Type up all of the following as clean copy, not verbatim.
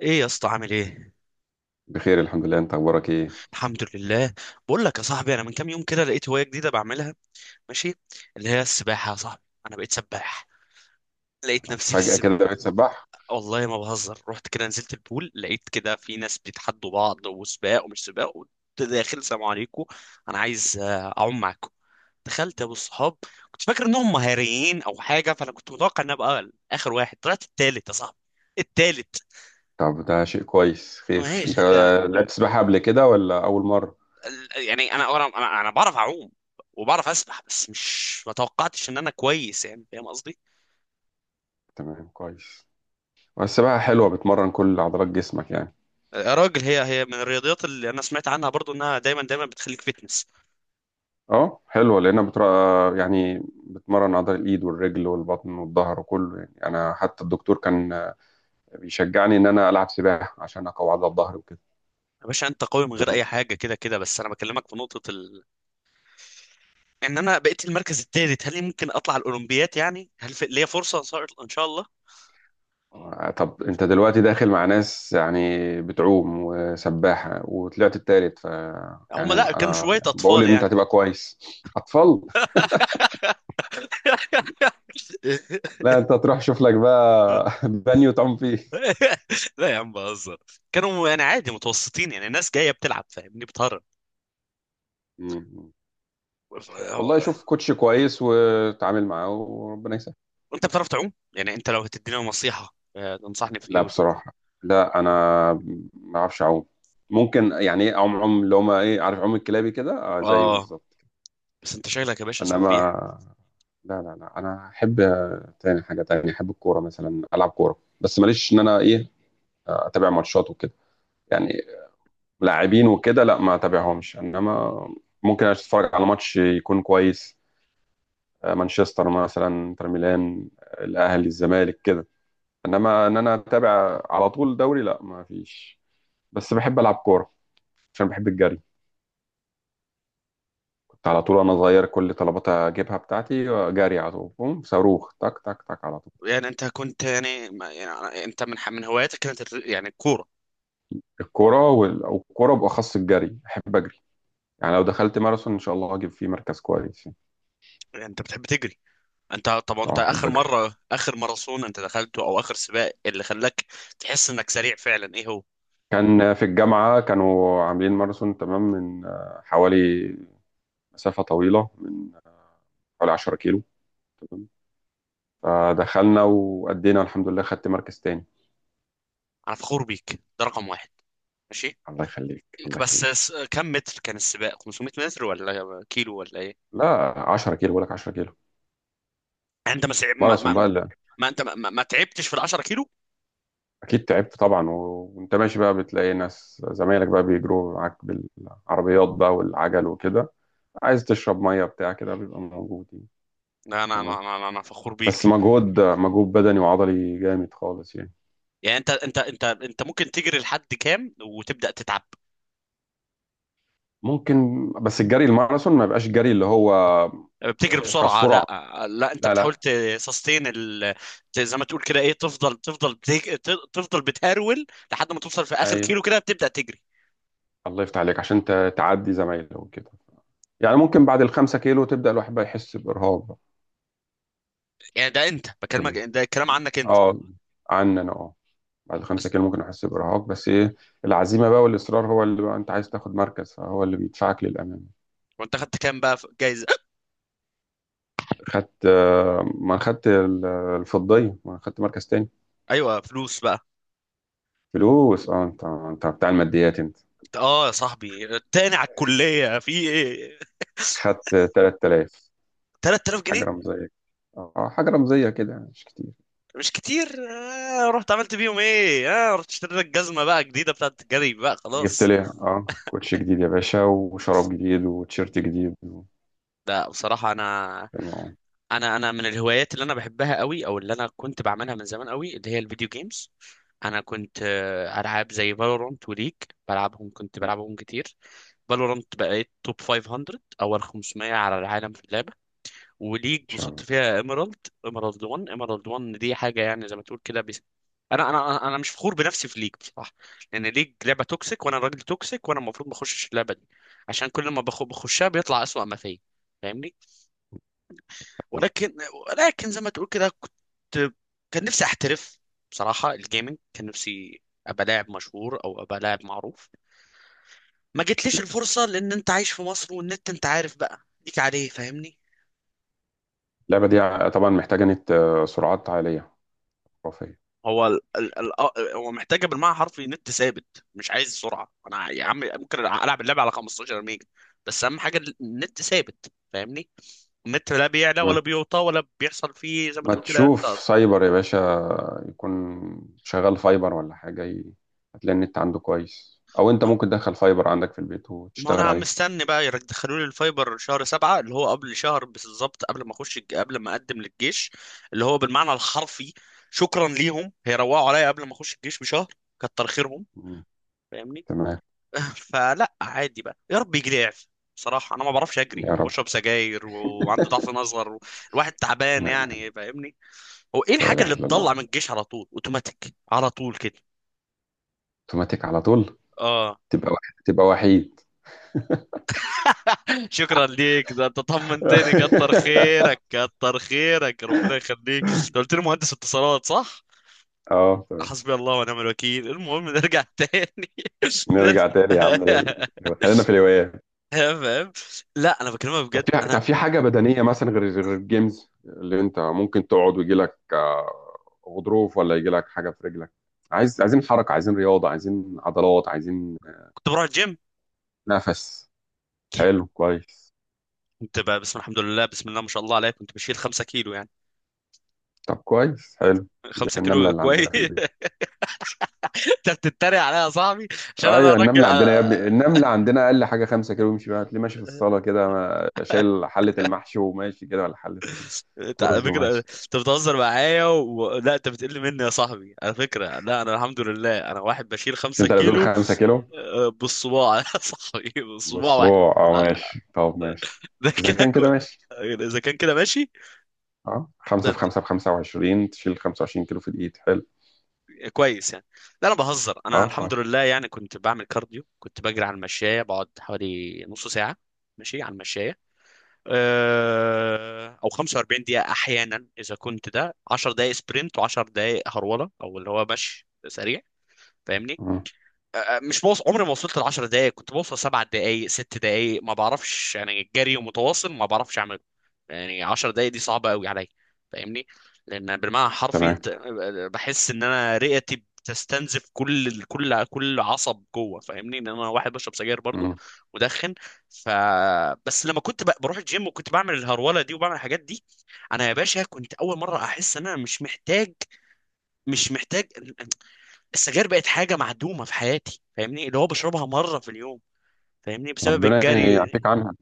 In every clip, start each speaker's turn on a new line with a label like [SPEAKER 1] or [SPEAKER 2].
[SPEAKER 1] ايه يا اسطى؟ عامل ايه؟
[SPEAKER 2] بخير الحمد لله. انت اخبارك ايه؟
[SPEAKER 1] الحمد لله. بقول لك يا صاحبي، انا من كام يوم كده لقيت هوايه جديده بعملها. ماشي. اللي هي السباحه يا صاحبي، انا بقيت سباح. لقيت نفسي في
[SPEAKER 2] فجأة
[SPEAKER 1] السباحه.
[SPEAKER 2] كده بقيت سباح؟
[SPEAKER 1] والله ما بهزر، رحت كده نزلت البول لقيت كده في ناس بيتحدوا بعض وسباق ومش سباق، وقلت داخل: السلام عليكم، انا عايز اعوم معاكم. دخلت يا ابو الصحاب، كنت فاكر انهم مهاريين او حاجه، فانا كنت متوقع ان ابقى اخر واحد، طلعت التالت يا صاحبي. التالت.
[SPEAKER 2] طب ده شيء كويس. خير، انت
[SPEAKER 1] ماشي.
[SPEAKER 2] لعبت سباحة قبل كده ولا اول مرة؟
[SPEAKER 1] يعني انا انا انا أنا بعرف اعوم وبعرف اسبح، بس مش ما توقعتش ان انا كويس، يعني فاهم قصدي.
[SPEAKER 2] تمام، كويس. والسباحة حلوة، بتمرن كل عضلات جسمك يعني.
[SPEAKER 1] يا راجل، هي من الرياضيات اللي انا سمعت عنها برضو، انها دايما دايما بتخليك فيتنس.
[SPEAKER 2] اه حلوة لانها يعني بتمرن عضلة الايد والرجل والبطن والظهر وكله. يعني انا حتى الدكتور كان بيشجعني ان انا العب سباحة عشان اقوي عضلة الظهر وكده.
[SPEAKER 1] يا باشا، انت قوي من غير اي حاجه كده كده، بس انا بكلمك في نقطه ان انا بقيت المركز الثالث، هل ممكن اطلع الاولمبيات؟ يعني هل ليا فرصه؟ ان شاء إن شاء الله.
[SPEAKER 2] طب انت دلوقتي داخل مع ناس يعني بتعوم وسباحة وطلعت التالت، ف
[SPEAKER 1] هم
[SPEAKER 2] يعني
[SPEAKER 1] لا، كانوا
[SPEAKER 2] انا
[SPEAKER 1] شويه
[SPEAKER 2] بقول
[SPEAKER 1] اطفال
[SPEAKER 2] ان انت
[SPEAKER 1] يعني.
[SPEAKER 2] هتبقى كويس. اطفال؟ لا، انت هتروح شوف لك بقى بانيو تعوم فيه.
[SPEAKER 1] لا يا عم بهزر، كانوا يعني عادي، متوسطين يعني، ناس جايه بتلعب، فاهمني.
[SPEAKER 2] مم.
[SPEAKER 1] بتهرب.
[SPEAKER 2] والله شوف كوتش كويس وتعامل معاه وربنا يسهل.
[SPEAKER 1] انت بتعرف تعوم؟ يعني انت لو هتدينا نصيحة، تنصحني في ايه
[SPEAKER 2] لا
[SPEAKER 1] وتقول لي؟
[SPEAKER 2] بصراحة، لا انا ما اعرفش اعوم. ممكن يعني ايه اعوم عوم اللي هما ايه، عارف، عوم الكلابي كده. اه زيه
[SPEAKER 1] اه.
[SPEAKER 2] بالظبط.
[SPEAKER 1] بس انت شكلك يا باشا
[SPEAKER 2] انما
[SPEAKER 1] سبيح.
[SPEAKER 2] لا انا احب، تاني حاجه تانية احب الكوره مثلا، العب كوره بس ماليش ان انا ايه، اتابع ماتشات وكده يعني. لاعبين وكده لا ما اتابعهمش، انما ممكن اتفرج على ماتش يكون كويس، مانشستر مثلا، انتر ميلان، الاهلي الزمالك كده. انما ان انا اتابع على طول دوري، لا ما فيش. بس بحب العب كوره عشان بحب الجري. كنت على طول وانا صغير كل طلبات اجيبها بتاعتي، جري على طول، بوم، صاروخ، تك تك تك على طول.
[SPEAKER 1] يعني انت كنت يعني، يعني انت من من هواياتك كانت يعني الكورة.
[SPEAKER 2] الكرة والكرة بأخص الجري، أحب أجري. يعني لو دخلت ماراثون إن شاء الله هجيب فيه مركز كويس يعني.
[SPEAKER 1] يعني انت بتحب تجري؟ انت طب
[SPEAKER 2] أه
[SPEAKER 1] انت
[SPEAKER 2] أحب
[SPEAKER 1] اخر
[SPEAKER 2] أجري.
[SPEAKER 1] مرة، اخر ماراثون انت دخلته او اخر سباق اللي خلاك تحس انك سريع فعلا، ايه هو؟
[SPEAKER 2] كان في الجامعة كانوا عاملين ماراثون تمام، من حوالي، مسافة طويلة، من حوالي 10 كيلو. تمام، فدخلنا وأدينا الحمد لله، خدت مركز تاني.
[SPEAKER 1] انا فخور بيك، ده رقم واحد. ماشي.
[SPEAKER 2] الله يخليك، الله
[SPEAKER 1] بس
[SPEAKER 2] يخليك.
[SPEAKER 1] كم متر كان السباق، 500 متر ولا كيلو ولا ايه؟
[SPEAKER 2] لا 10 كيلو بقول لك، 10 كيلو
[SPEAKER 1] يعني انت
[SPEAKER 2] ماراثون بقى اللي.
[SPEAKER 1] ما انت ما تعبتش في ال 10 كيلو.
[SPEAKER 2] أكيد تعبت طبعا، وأنت ماشي بقى بتلاقي ناس زمايلك بقى بيجروا معاك بالعربيات بقى والعجل وكده، عايز تشرب ميه بتاع كده بيبقى موجود يعني.
[SPEAKER 1] لا انا
[SPEAKER 2] تمام.
[SPEAKER 1] انا انا أنا فخور
[SPEAKER 2] بس
[SPEAKER 1] بيك.
[SPEAKER 2] مجهود، مجهود بدني وعضلي جامد خالص يعني.
[SPEAKER 1] يعني انت ممكن تجري لحد كام وتبدا تتعب؟
[SPEAKER 2] ممكن، بس الجري الماراثون ما يبقاش جري اللي هو
[SPEAKER 1] بتجري بسرعه؟
[SPEAKER 2] كسرعه.
[SPEAKER 1] لا لا، انت
[SPEAKER 2] لا
[SPEAKER 1] بتحاول
[SPEAKER 2] لا.
[SPEAKER 1] تسستين زي ما تقول كده، ايه، تفضل تفضل بتهرول، لحد ما توصل في اخر
[SPEAKER 2] ايوه.
[SPEAKER 1] كيلو كده بتبدا تجري.
[SPEAKER 2] الله يفتح عليك عشان تعدي زمايله وكده. يعني ممكن بعد الخمسة كيلو تبدأ الواحد بقى يحس بإرهاق بقى.
[SPEAKER 1] يعني ده انت بكلمك،
[SPEAKER 2] تمام.
[SPEAKER 1] ده الكلام عنك انت.
[SPEAKER 2] اه، عني انا اه، بعد الخمسة
[SPEAKER 1] بس.
[SPEAKER 2] كيلو ممكن احس بإرهاق. بس ايه، العزيمة بقى والإصرار هو اللي بقى انت عايز تاخد مركز فهو اللي بيدفعك للأمام.
[SPEAKER 1] وانت خدت كام بقى في جايزه؟
[SPEAKER 2] خدت، ما خدت الفضية، ما خدت مركز تاني.
[SPEAKER 1] ايوه، فلوس بقى.
[SPEAKER 2] فلوس، اه، انت انت بتاع الماديات انت.
[SPEAKER 1] انت، اه يا صاحبي، التاني على الكليه في ايه؟
[SPEAKER 2] خدت 3000.
[SPEAKER 1] 3000
[SPEAKER 2] حاجة
[SPEAKER 1] جنيه
[SPEAKER 2] رمزية، اه حاجة رمزية كده مش كتير.
[SPEAKER 1] مش كتير. رحت عملت بيهم ايه؟ اه رحت اشتريت لك جزمه بقى جديده بتاعت الجري بقى
[SPEAKER 2] جبت
[SPEAKER 1] خلاص.
[SPEAKER 2] لي اه كوتش جديد يا باشا وشراب جديد وتيشيرت جديد و...
[SPEAKER 1] لا بصراحة أنا،
[SPEAKER 2] تمام.
[SPEAKER 1] أنا من الهوايات اللي أنا بحبها قوي أو اللي أنا كنت بعملها من زمان قوي اللي هي الفيديو جيمز. أنا كنت، ألعاب زي فالورانت وليج. كنت بلعبهم كتير. فالورانت بقيت توب 500، أول 500 على العالم في اللعبة. وليج
[SPEAKER 2] ان شاء
[SPEAKER 1] وصلت
[SPEAKER 2] الله.
[SPEAKER 1] فيها ايميرالد. ايميرالد 1، ايميرالد 1 دي حاجة يعني زي ما تقول كده بس. أنا مش فخور بنفسي في ليج بصراحة. لأن ليج لعبة توكسيك وأنا راجل توكسيك، وأنا المفروض ما أخشش اللعبة دي، عشان كل ما بخشها بيطلع أسوأ ما فيا، فاهمني. ولكن. زي ما تقول كده، كنت، كان نفسي احترف. بصراحة الجيمنج كان نفسي ابقى لاعب مشهور او ابقى لاعب معروف. ما جتليش الفرصة لان انت عايش في مصر، والنت انت عارف بقى ليك عليه، فاهمني.
[SPEAKER 2] اللعبة دي طبعا محتاجة نت، سرعات عالية خرافية.
[SPEAKER 1] هو ال ال ال آه، هو محتاجة بالمعنى الحرفي نت ثابت، مش عايز سرعة. انا يا عم ممكن العب اللعبة على 15 ميجا، بس اهم حاجة النت ثابت، فاهمني. النت لا بيعلى ولا بيوطى ولا بيحصل فيه زي ما
[SPEAKER 2] ما
[SPEAKER 1] تقول كده.
[SPEAKER 2] تشوف سايبر يا باشا، يكون شغال فايبر ولا حاجة هتلاقي النت عنده كويس، أو أنت ممكن تدخل فايبر عندك في البيت
[SPEAKER 1] ما
[SPEAKER 2] وتشتغل
[SPEAKER 1] انا
[SPEAKER 2] عليه.
[SPEAKER 1] مستني بقى يدخلوا لي الفايبر شهر سبعة، اللي هو قبل شهر بالظبط قبل ما اخش قبل ما اقدم للجيش، اللي هو بالمعنى الحرفي. شكرا ليهم، هيروقوا عليا قبل ما اخش الجيش بشهر. كتر خيرهم.
[SPEAKER 2] مم.
[SPEAKER 1] فاهمني.
[SPEAKER 2] تمام.
[SPEAKER 1] فلا عادي بقى، يا رب يجي لي اعفاء. بصراحة انا ما بعرفش اجري
[SPEAKER 2] يا رب.
[SPEAKER 1] وبشرب سجاير وعندي ضعف نظر الواحد تعبان
[SPEAKER 2] لا إله،
[SPEAKER 1] يعني، فاهمني. هو ايه
[SPEAKER 2] لا
[SPEAKER 1] الحاجة
[SPEAKER 2] إله
[SPEAKER 1] اللي
[SPEAKER 2] إلا الله.
[SPEAKER 1] تطلع من الجيش على طول، اوتوماتيك على طول كده؟
[SPEAKER 2] أوتوماتيك على طول،
[SPEAKER 1] اه.
[SPEAKER 2] تبقى وحيد، تبقى وحيد.
[SPEAKER 1] شكرا ليك، ده انت طمنتني. كتر خيرك، كتر خيرك، ربنا يخليك. انت قلت لي مهندس اتصالات، صح؟
[SPEAKER 2] أه تمام.
[SPEAKER 1] حسبي الله ونعم الوكيل. المهم، نرجع تاني. نرجع.
[SPEAKER 2] نرجع تاني يا عم لل... خلينا في الهوايات.
[SPEAKER 1] تمام. لا انا بكلمك
[SPEAKER 2] طب
[SPEAKER 1] بجد.
[SPEAKER 2] في،
[SPEAKER 1] انا
[SPEAKER 2] طب في حاجة بدنية مثلا غير غير الجيمز اللي انت ممكن تقعد ويجي لك غضروف ولا يجي لك حاجة في رجلك؟ عايز، عايزين حركة، عايزين رياضة، عايزين عضلات، عايزين
[SPEAKER 1] كنت بروح الجيم،
[SPEAKER 2] نفس. حلو، كويس.
[SPEAKER 1] كنت بسم الحمد لله، بسم الله ما شاء الله عليك، كنت بشيل 5 كيلو يعني.
[SPEAKER 2] طب كويس حلو. زي
[SPEAKER 1] 5
[SPEAKER 2] النملة
[SPEAKER 1] كيلو
[SPEAKER 2] اللي
[SPEAKER 1] كويس.
[SPEAKER 2] عندنا في البيت.
[SPEAKER 1] انت بتتريق عليا يا صاحبي؟ عشان انا
[SPEAKER 2] ايوه
[SPEAKER 1] راجل،
[SPEAKER 2] النملة عندنا يا ابني، النملة عندنا اقل حاجة خمسة كيلو يمشي بيها، تلاقيه ماشي في الصالة كده شايل حلة المحشي وماشي كده، ولا حلة
[SPEAKER 1] انت على
[SPEAKER 2] الرز
[SPEAKER 1] فكرة
[SPEAKER 2] وماشي.
[SPEAKER 1] انت بتهزر معايا لا انت بتقل مني يا صاحبي على فكرة. لا انا الحمد لله انا واحد بشيل
[SPEAKER 2] مش
[SPEAKER 1] خمسة
[SPEAKER 2] انت اللي بتقول
[SPEAKER 1] كيلو.
[SPEAKER 2] خمسة كيلو؟
[SPEAKER 1] اه، بالصباع. يا صاحبي بالصباع
[SPEAKER 2] بص
[SPEAKER 1] واحد.
[SPEAKER 2] هو اه
[SPEAKER 1] اه،
[SPEAKER 2] ماشي، طب ماشي.
[SPEAKER 1] ده
[SPEAKER 2] اذا
[SPEAKER 1] كده
[SPEAKER 2] كان كده
[SPEAKER 1] كويس.
[SPEAKER 2] ماشي.
[SPEAKER 1] اذا كان كده ماشي.
[SPEAKER 2] اه
[SPEAKER 1] ده
[SPEAKER 2] خمسة في
[SPEAKER 1] انت...
[SPEAKER 2] خمسة ب 25، تشيل 25 كيلو في الإيد، حلو.
[SPEAKER 1] كويس يعني. لا انا بهزر. انا
[SPEAKER 2] اه
[SPEAKER 1] الحمد
[SPEAKER 2] كويس.
[SPEAKER 1] لله يعني كنت بعمل كارديو، كنت بجري على المشاية، بقعد حوالي نص ساعة ماشي على المشاية. اه، او 45 دقيقة احيانا، اذا كنت ده 10 دقائق سبرنت و10 دقائق هرولة او اللي هو مشي سريع، فاهمني.
[SPEAKER 2] مم.
[SPEAKER 1] مش بوص... عمري ما وصلت ل 10 دقائق، كنت بوصل سبع دقائق ست دقائق، ما بعرفش يعني، الجري ومتواصل ما بعرفش اعمله. يعني 10 دقائق دي صعبه قوي عليا، فاهمني. لان بالمعنى الحرفي
[SPEAKER 2] تمام.
[SPEAKER 1] انت، بحس ان انا رئتي بتستنزف كل كل كل عصب جوه، فاهمني، ان انا واحد بشرب سجاير برضو،
[SPEAKER 2] مم.
[SPEAKER 1] مدخن. ف. بس لما كنت بروح الجيم، وكنت بعمل الهروله دي وبعمل الحاجات دي، انا يا باشا كنت اول مره احس ان انا مش محتاج. مش محتاج. السجاير بقت حاجه معدومه في حياتي، فاهمني، اللي هو بشربها مره في اليوم، فاهمني، بسبب
[SPEAKER 2] ربنا
[SPEAKER 1] الجري.
[SPEAKER 2] يعافيك عنها.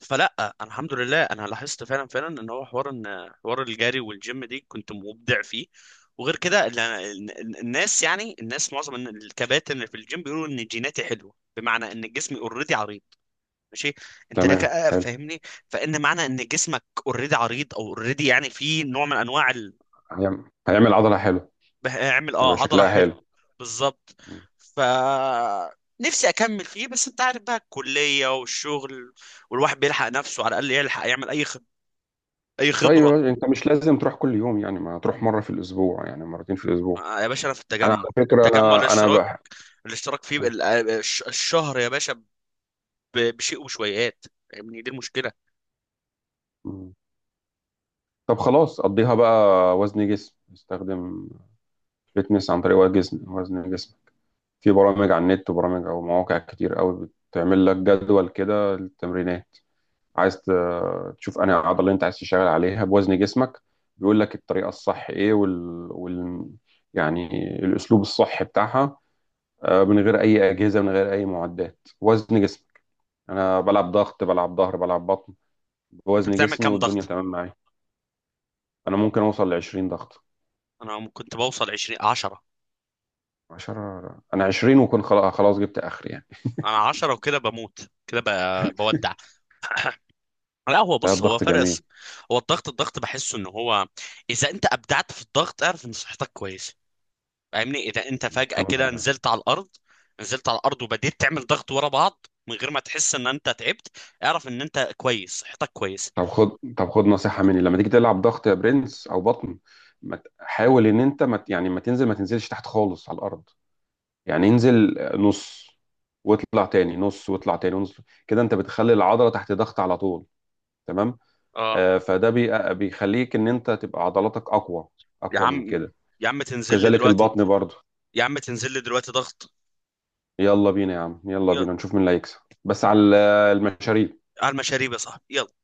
[SPEAKER 1] فلا انا الحمد لله انا لاحظت فعلا فعلا ان هو حوار، ان حوار الجري والجيم دي كنت مبدع فيه. وغير كده الناس، يعني الناس معظم الكباتن اللي في الجيم بيقولوا ان جيناتي حلوه، بمعنى ان جسمي اوريدي عريض. ماشي. انت لك،
[SPEAKER 2] تمام، حلو.
[SPEAKER 1] فاهمني. فان معنى ان جسمك اوريدي عريض او اوريدي، يعني في نوع من انواع.
[SPEAKER 2] هيعمل، هيعمل عضلة، حلو.
[SPEAKER 1] اعمل
[SPEAKER 2] هيبقى
[SPEAKER 1] اه هضرة
[SPEAKER 2] شكلها
[SPEAKER 1] حلو.
[SPEAKER 2] حلو.
[SPEAKER 1] بالظبط.
[SPEAKER 2] مم.
[SPEAKER 1] ف. نفسي اكمل فيه بس انت عارف بقى، الكلية والشغل والواحد بيلحق نفسه على الاقل يلحق يعمل اي اي
[SPEAKER 2] طيب يا
[SPEAKER 1] خبرة.
[SPEAKER 2] باشا، انت مش لازم تروح كل يوم يعني، ما تروح مرة في الأسبوع، يعني مرتين في الأسبوع.
[SPEAKER 1] آه يا باشا، انا في
[SPEAKER 2] أنا
[SPEAKER 1] التجمع.
[SPEAKER 2] على فكرة
[SPEAKER 1] التجمع
[SPEAKER 2] أنا أنا
[SPEAKER 1] الاشتراك،
[SPEAKER 2] بح...
[SPEAKER 1] الاشتراك فيه الشهر يا باشا بشيء وشويات، يعني دي المشكلة.
[SPEAKER 2] مم. طب خلاص قضيها بقى وزن جسم، استخدم فتنس عن طريق وزن، وزن جسم. في برامج على النت وبرامج أو مواقع كتير قوي بتعمل لك جدول كده للتمرينات. عايز تشوف انهي عضله اللي انت عايز تشتغل عليها بوزن جسمك. بيقول لك الطريقه الصح ايه، وال... وال... يعني الاسلوب الصح بتاعها، من غير اي اجهزه، من غير اي معدات، وزن جسمك. انا بلعب ضغط، بلعب ظهر، بلعب بطن
[SPEAKER 1] انت
[SPEAKER 2] بوزن
[SPEAKER 1] بتعمل
[SPEAKER 2] جسمي
[SPEAKER 1] كام
[SPEAKER 2] والدنيا
[SPEAKER 1] ضغط؟
[SPEAKER 2] تمام معايا. انا ممكن اوصل ل 20 ضغط.
[SPEAKER 1] انا كنت بوصل 20 10.
[SPEAKER 2] 10 انا 20 وكنت خلاص خلاص جبت اخر يعني.
[SPEAKER 1] انا 10 وكده بموت كده بودع. لا هو
[SPEAKER 2] لا،
[SPEAKER 1] بص، هو
[SPEAKER 2] الضغط جميل.
[SPEAKER 1] فرس. هو الضغط، الضغط بحسه ان هو، اذا انت ابدعت في الضغط اعرف ان صحتك كويسه، فاهمني. اذا انت فجأة
[SPEAKER 2] الحمد
[SPEAKER 1] كده
[SPEAKER 2] لله.
[SPEAKER 1] نزلت على الارض، نزلت على الارض وبديت تعمل ضغط ورا بعض من غير ما تحس ان انت تعبت، اعرف ان انت كويس، صحتك كويسه.
[SPEAKER 2] طب خد، طب خد نصيحة مني لما تيجي تلعب ضغط يا برنس او بطن، ما ت- حاول ان انت ما ت- يعني ما تنزل، ما تنزلش تحت خالص على الارض. يعني انزل نص واطلع تاني، نص واطلع تاني، نص. كده انت بتخلي العضلة تحت ضغط على طول. تمام.
[SPEAKER 1] اه.
[SPEAKER 2] آه فده بيخليك ان انت تبقى عضلاتك اقوى،
[SPEAKER 1] يا
[SPEAKER 2] اقوى من
[SPEAKER 1] عم،
[SPEAKER 2] كده.
[SPEAKER 1] يا عم تنزل لي
[SPEAKER 2] وكذلك
[SPEAKER 1] دلوقتي،
[SPEAKER 2] البطن برضه.
[SPEAKER 1] يا عم تنزل لي دلوقتي ضغط.
[SPEAKER 2] يلا بينا يا عم، يلا
[SPEAKER 1] يلا.
[SPEAKER 2] بينا نشوف مين اللي هيكسب. بس على المشاريب.
[SPEAKER 1] على المشاريب يا صاحبي، يلا.